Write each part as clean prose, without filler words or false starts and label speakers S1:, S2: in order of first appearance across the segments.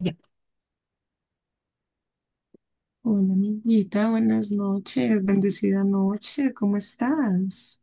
S1: Ya.
S2: Hola, amiguita, buenas noches, bendecida noche, ¿cómo estás?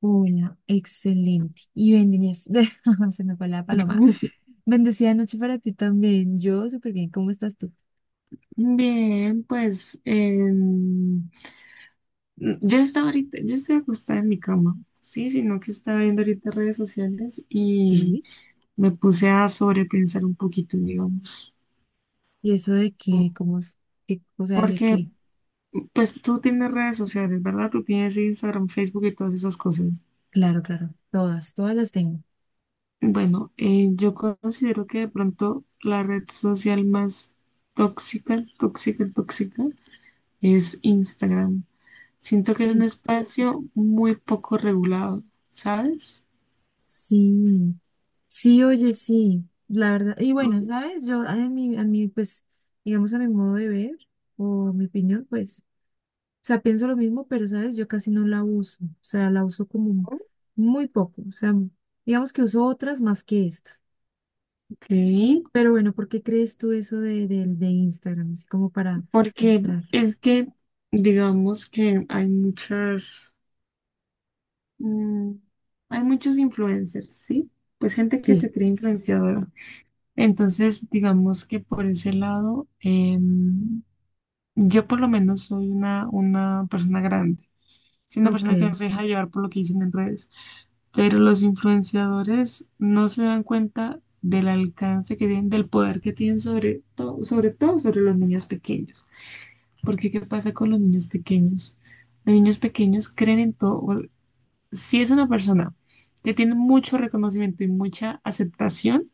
S1: Hola, excelente. Y bendiciones. Se me fue la paloma. Bendecida noche para ti también. Yo súper bien. ¿Cómo estás tú?
S2: Bien, pues yo estoy acostada en mi cama, sí, sino que estaba viendo ahorita redes sociales y
S1: Sí.
S2: me puse a sobrepensar un poquito, digamos.
S1: ¿Y eso de qué? ¿Cómo es? ¿Qué cosa hay de
S2: Porque,
S1: qué?
S2: pues tú tienes redes sociales, ¿verdad? Tú tienes Instagram, Facebook y todas esas cosas.
S1: Claro, claro. Todas las tengo.
S2: Bueno, yo considero que de pronto la red social más tóxica, tóxica, tóxica es Instagram. Siento que es
S1: Mm.
S2: un espacio muy poco regulado, ¿sabes?
S1: Sí, sí, oye, sí. La verdad. Y bueno,
S2: Ujú.
S1: ¿sabes? Yo, a mí, pues, digamos, a mi modo de ver o mi opinión, pues. Sea, pienso lo mismo, pero sabes, yo casi no la uso, o sea, la uso como muy poco, o sea, digamos que uso otras más que esta.
S2: Ok,
S1: Pero bueno, ¿por qué crees tú eso de Instagram? Así como para
S2: porque
S1: entrar.
S2: es que digamos que hay muchas, mm, hay muchos influencers, ¿sí? Pues gente que
S1: Sí,
S2: se cree influenciadora. Entonces, digamos que por ese lado, yo por lo menos soy una persona grande. Soy una
S1: ok,
S2: persona que no se deja llevar por lo que dicen en redes. Pero los influenciadores no se dan cuenta del alcance que tienen, del poder que tienen sobre todo, sobre todo sobre los niños pequeños. Porque ¿qué pasa con los niños pequeños? Los niños pequeños creen en todo. Si es una persona que tiene mucho reconocimiento y mucha aceptación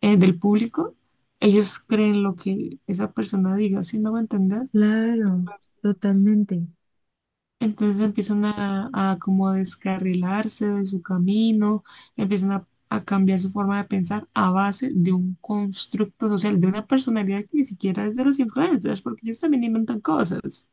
S2: del público, ellos creen lo que esa persona diga, ¿si no me voy a entender?
S1: claro, totalmente.
S2: Entonces
S1: Sí.
S2: empiezan a como a descarrilarse de su camino, empiezan a cambiar su forma de pensar a base de un constructo social, de una personalidad que ni siquiera es de los influencers, porque ellos también inventan cosas.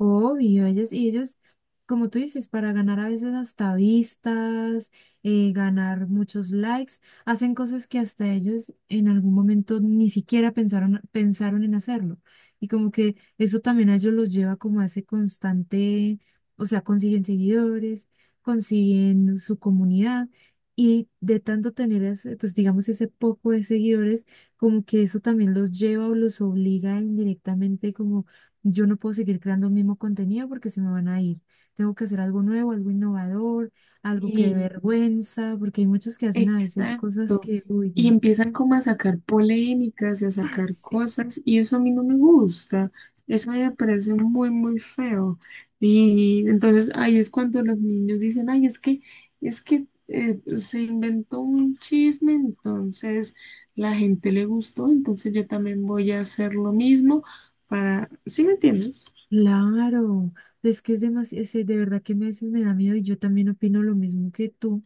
S1: Obvio, ellos, como tú dices, para ganar a veces hasta vistas, ganar muchos likes, hacen cosas que hasta ellos en algún momento ni siquiera pensaron, pensaron en hacerlo. Y como que eso también a ellos los lleva como a ese constante, o sea, consiguen seguidores, consiguen su comunidad. Y de tanto tener ese, pues, digamos, ese poco de seguidores, como que eso también los lleva o los obliga indirectamente como: yo no puedo seguir creando el mismo contenido porque se me van a ir. Tengo que hacer algo nuevo, algo innovador, algo que dé vergüenza, porque hay muchos que hacen a veces cosas
S2: Exacto.
S1: que, uy,
S2: Y
S1: Dios.
S2: empiezan como a sacar polémicas y a
S1: Ay,
S2: sacar
S1: sí.
S2: cosas y eso a mí no me gusta. Eso a mí me parece muy, muy feo. Y entonces ahí es cuando los niños dicen, ay, es que se inventó un chisme, entonces la gente le gustó, entonces yo también voy a hacer lo mismo para, ¿sí me entiendes?
S1: Claro, es que es demasiado, de verdad que a veces me da miedo y yo también opino lo mismo que tú,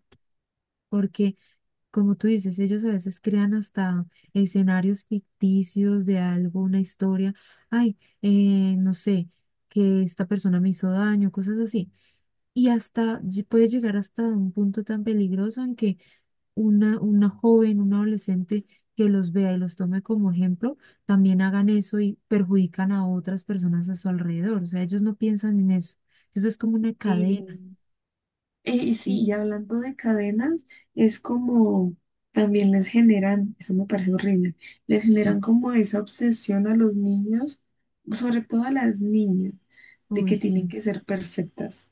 S1: porque, como tú dices, ellos a veces crean hasta escenarios ficticios de algo, una historia, ay, no sé, que esta persona me hizo daño, cosas así. Y hasta puede llegar hasta un punto tan peligroso en que una joven, un adolescente que los vea y los tome como ejemplo, también hagan eso y perjudican a otras personas a su alrededor. O sea, ellos no piensan en eso. Eso es como una
S2: Sí.
S1: cadena,
S2: Y sí,
S1: ¿sí?
S2: y hablando de cadenas, es como también les generan, eso me parece horrible, les generan
S1: Sí.
S2: como esa obsesión a los niños, sobre todo a las niñas, de
S1: Uy,
S2: que tienen
S1: sí.
S2: que ser perfectas,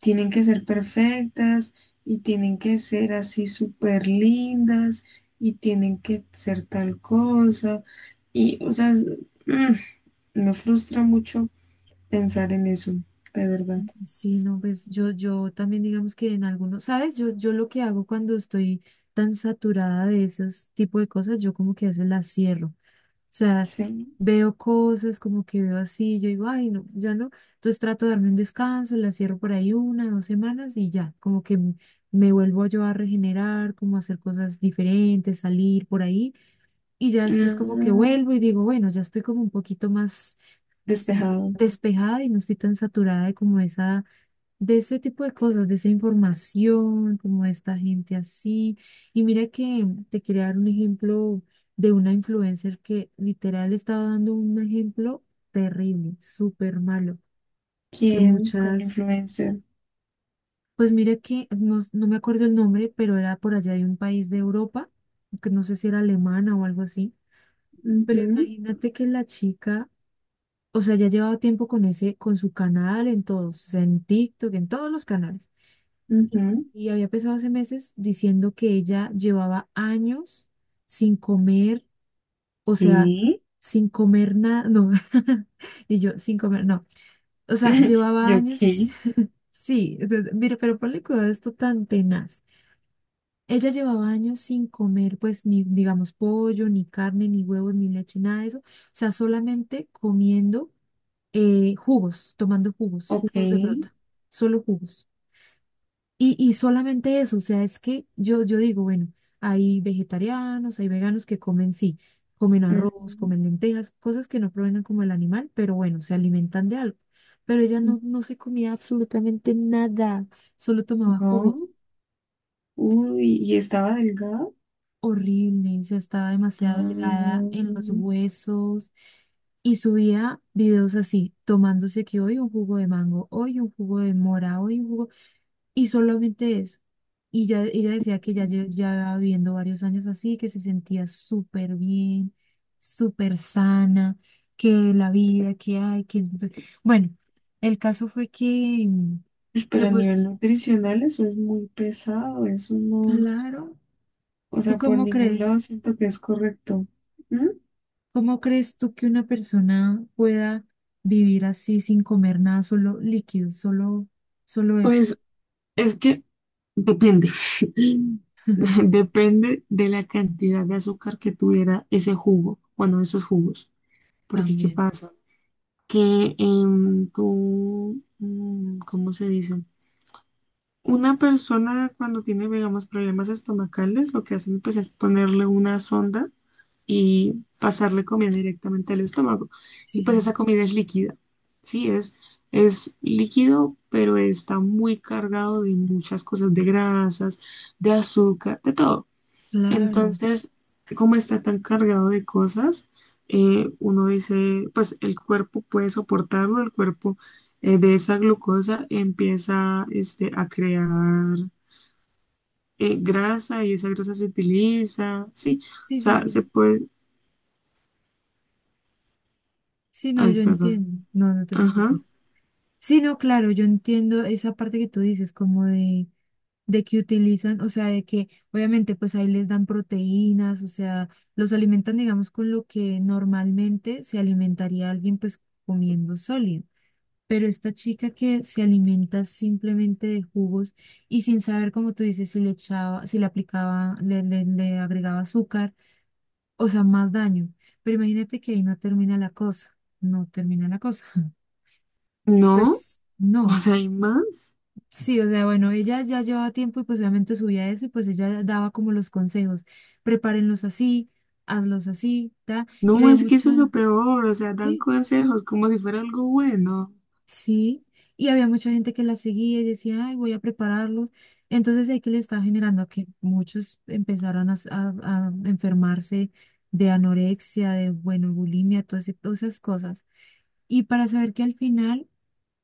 S2: tienen que ser perfectas y tienen que ser así súper lindas y tienen que ser tal cosa. Y, o sea, mm, me frustra mucho pensar en eso, de verdad.
S1: Sí, no, pues yo también digamos que en algunos, ¿sabes? Yo lo que hago cuando estoy tan saturada de esos tipo de cosas, yo como que a veces las cierro. Sea,
S2: Sí.
S1: veo cosas como que veo así, yo digo, ay, no, ya no. Entonces trato de darme un descanso, la cierro por ahí una, dos semanas y ya, como que me vuelvo yo a regenerar, como a hacer cosas diferentes, salir por ahí, y ya después como que vuelvo y
S2: Ah,
S1: digo, bueno, ya estoy como un poquito más
S2: despejado.
S1: despejada y no estoy tan saturada de como esa, de ese tipo de cosas, de esa información, como de esta gente así. Y mira que te quería dar un ejemplo de una influencer que literal estaba dando un ejemplo terrible, súper malo, que
S2: ¿Quién? ¿Cuál
S1: muchas,
S2: influencer?
S1: pues mira que no me acuerdo el nombre, pero era por allá de un país de Europa, que no sé si era alemana o algo así. Pero
S2: Ujú,
S1: imagínate que la chica, o sea, ya llevaba tiempo con ese, con su canal en todos, o sea, en TikTok, en todos los canales. Y
S2: ujú.
S1: y había empezado hace meses diciendo que ella llevaba años sin comer, o sea,
S2: ¿Qué?
S1: sin comer nada, no, y yo sin comer, no, o sea, llevaba
S2: ¿Yo
S1: años,
S2: qué?
S1: sí, entonces, mira, pero ponle cuidado a esto tan tenaz. Ella llevaba años sin comer, pues, ni, digamos, pollo, ni carne, ni huevos, ni leche, nada de eso, o sea, solamente comiendo jugos, tomando jugos,
S2: Ok.
S1: jugos de fruta, solo jugos. Y solamente eso, o sea, es que yo digo, bueno, hay vegetarianos, hay veganos que comen, sí, comen arroz,
S2: Ujú,
S1: comen lentejas, cosas que no provengan como el animal, pero bueno, se alimentan de algo. Pero ella
S2: ujú.
S1: no, no se comía absolutamente nada, solo tomaba jugos.
S2: No.
S1: Sí,
S2: Uy, ¿y estaba delgado?
S1: horrible, o sea, estaba demasiado delgada,
S2: Ah,
S1: en los huesos, y subía videos así, tomándose que hoy un jugo de mango, hoy un jugo de mora, hoy un jugo. Y solamente eso. Y ya, ella decía que ya llevaba viviendo varios años así, que se sentía súper bien, súper sana, que la vida que hay, que... pues, bueno, el caso fue
S2: pues,
S1: que
S2: pero a nivel
S1: pues,
S2: nutricional eso es muy pesado. Eso no.
S1: claro,
S2: O
S1: ¿tú
S2: sea, por
S1: cómo
S2: ningún lado
S1: crees?
S2: siento que es correcto. ¿Mm?
S1: ¿Cómo crees tú que una persona pueda vivir así sin comer nada, solo líquidos, solo, solo eso?
S2: Pues es que depende. Depende de la cantidad de azúcar que tuviera ese jugo, bueno, esos jugos. Porque, ¿qué
S1: También.
S2: pasa? Que en tu, ¿cómo se dice? Una persona cuando tiene, digamos, problemas estomacales, lo que hacen pues es ponerle una sonda y pasarle comida directamente al estómago.
S1: Sí,
S2: Y pues
S1: sí,
S2: esa comida es líquida, sí, es líquido, pero está muy cargado de muchas cosas, de grasas, de azúcar, de todo.
S1: claro.
S2: Entonces, como está tan cargado de cosas, uno dice, pues el cuerpo puede soportarlo, el cuerpo de esa glucosa empieza este, a crear grasa y esa grasa se utiliza, sí, o
S1: Sí, sí,
S2: sea,
S1: sí.
S2: se puede,
S1: Sí, no,
S2: ay,
S1: yo
S2: perdón.
S1: entiendo. No, no te
S2: Ajá,
S1: preocupes. Sí, no, claro, yo entiendo esa parte que tú dices, como de que utilizan, o sea, de que obviamente pues ahí les dan proteínas, o sea, los alimentan, digamos, con lo que normalmente se alimentaría alguien pues comiendo sólido. Pero esta chica que se alimenta simplemente de jugos, o sea, más daño. Pero imagínate que ahí no termina la cosa, no termina la cosa.
S2: no,
S1: Pues
S2: o
S1: no,
S2: sea, hay más.
S1: sí, o sea, bueno, ella ya llevaba tiempo y pues obviamente subía eso y pues ella daba como los consejos: prepárenlos así, hazlos así, ta, y
S2: No,
S1: había
S2: es que eso es lo
S1: mucha,
S2: peor, o sea, dan
S1: sí,
S2: consejos como si fuera algo bueno.
S1: sí, y había mucha gente que la seguía y decía, ay, voy a prepararlos. Entonces ahí que le estaba generando a que muchos empezaron a enfermarse de anorexia, de, bueno, bulimia, todas esas cosas. Y para saber que al final,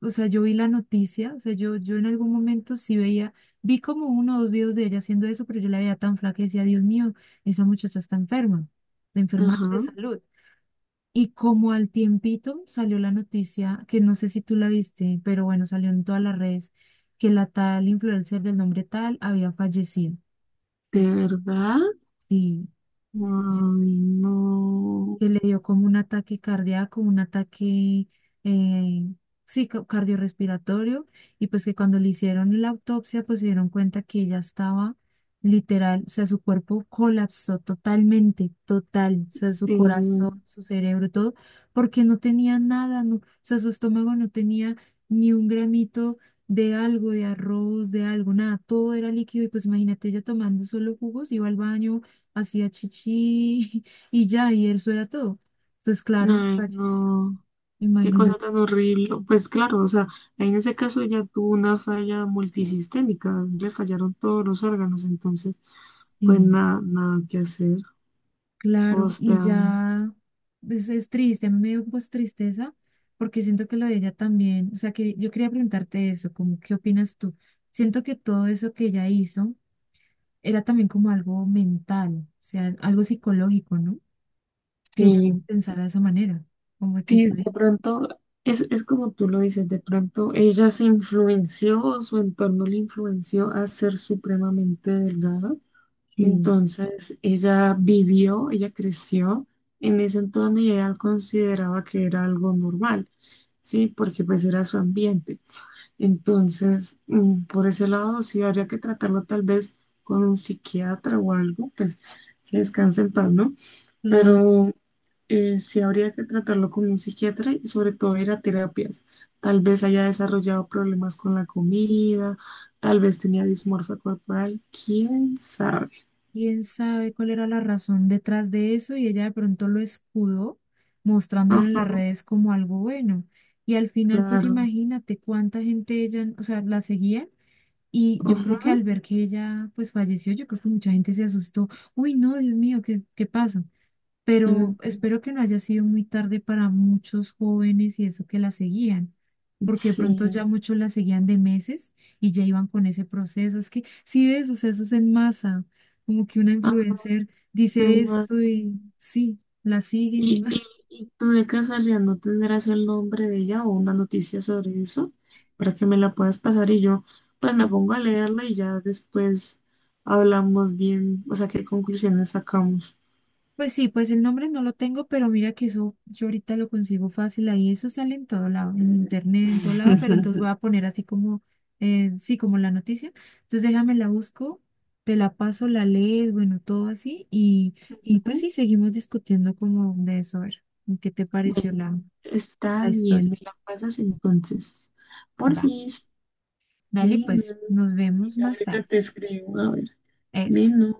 S1: o sea, yo vi la noticia, o sea, yo en algún momento sí veía, vi como uno o dos videos de ella haciendo eso, pero yo la veía tan flaca y decía, Dios mío, esa muchacha está enferma, te
S2: Ajá,
S1: enfermas de salud. Y como al tiempito salió la noticia, que no sé si tú la viste, pero bueno, salió en todas las redes, que la tal influencer del nombre tal había fallecido.
S2: ¿de verdad?
S1: Sí,
S2: Ay,
S1: fallecido.
S2: no,
S1: Que le dio como un ataque cardíaco, un ataque, eh, sí, cardiorrespiratorio, y pues que cuando le hicieron la autopsia, pues se dieron cuenta que ella estaba literal, o sea, su cuerpo colapsó totalmente, total, o sea, su corazón,
S2: sí,
S1: su cerebro, todo, porque no tenía nada, no, o sea, su estómago no tenía ni un gramito de algo, de arroz, de algo, nada, todo era líquido, y pues imagínate ella tomando solo jugos, iba al baño, hacía chichi, y ya, y eso era todo. Entonces, claro,
S2: ay,
S1: falleció.
S2: no, qué cosa
S1: Imagínate,
S2: tan horrible. Pues claro, o sea, en ese caso ya tuvo una falla multisistémica, le fallaron todos los órganos, entonces, pues
S1: sí,
S2: nada, nada que hacer. O
S1: claro. Y
S2: sea,
S1: ya, es triste, a mí me dio pues tristeza, porque siento que lo de ella también, o sea, que yo quería preguntarte eso, como, ¿qué opinas tú? Siento que todo eso que ella hizo era también como algo mental, o sea, algo psicológico, ¿no? Que ella
S2: sí,
S1: pensara de esa manera, como que
S2: sí,
S1: está
S2: de
S1: bien.
S2: pronto es como tú lo dices, de pronto ella se influenció o su entorno le influenció a ser supremamente delgada.
S1: Sí,
S2: Entonces ella vivió, ella creció en ese entorno y ella consideraba que era algo normal, ¿sí? Porque pues era su ambiente. Entonces, por ese lado, sí habría que tratarlo tal vez con un psiquiatra o algo, pues que descanse en paz, ¿no?
S1: claro.
S2: Pero sí habría que tratarlo con un psiquiatra y sobre todo ir a terapias. Tal vez haya desarrollado problemas con la comida, tal vez tenía dismorfia corporal, quién sabe.
S1: Quién sabe cuál era la razón detrás de eso y ella de pronto lo escudó mostrándolo en
S2: Ajá,
S1: las redes como algo bueno. Y al final, pues
S2: claro.
S1: imagínate cuánta gente ella, o sea, la seguía y yo
S2: Ajá.
S1: creo que al ver que ella pues falleció, yo creo que mucha gente se asustó. Uy, no, Dios mío, ¿qué, qué pasa? Pero
S2: Mm,
S1: espero que no haya sido muy tarde para muchos jóvenes y eso que la seguían, porque de pronto
S2: sí.
S1: ya muchos la seguían de meses y ya iban con ese proceso. Es que sí ves, o sea, eso es en masa, como que una
S2: Ah,
S1: influencer
S2: sí,
S1: dice esto y sí, la siguen y
S2: ¿y,
S1: va.
S2: y tú de casualidad no tendrás el nombre de ella o una noticia sobre eso para que me la puedas pasar y yo pues me pongo a leerla y ya después hablamos bien, o sea, qué conclusiones sacamos?
S1: Pues sí, pues el nombre no lo tengo, pero mira que eso yo ahorita lo consigo fácil ahí, eso sale en todo lado, en internet, en todo lado, pero entonces voy a poner así como, sí, como la noticia. Entonces déjame la busco, te la paso, la lees, bueno, todo así, y pues
S2: Ujú.
S1: sí, seguimos discutiendo como de eso, a ver, ¿qué te pareció
S2: Bueno,
S1: la,
S2: está
S1: la
S2: bien,
S1: historia?
S2: me la pasas entonces.
S1: Va,
S2: Porfis,
S1: dale,
S2: menos.
S1: pues nos
S2: Y
S1: vemos más
S2: ahorita
S1: tarde.
S2: te escribo, a ver,
S1: Eso.
S2: menos.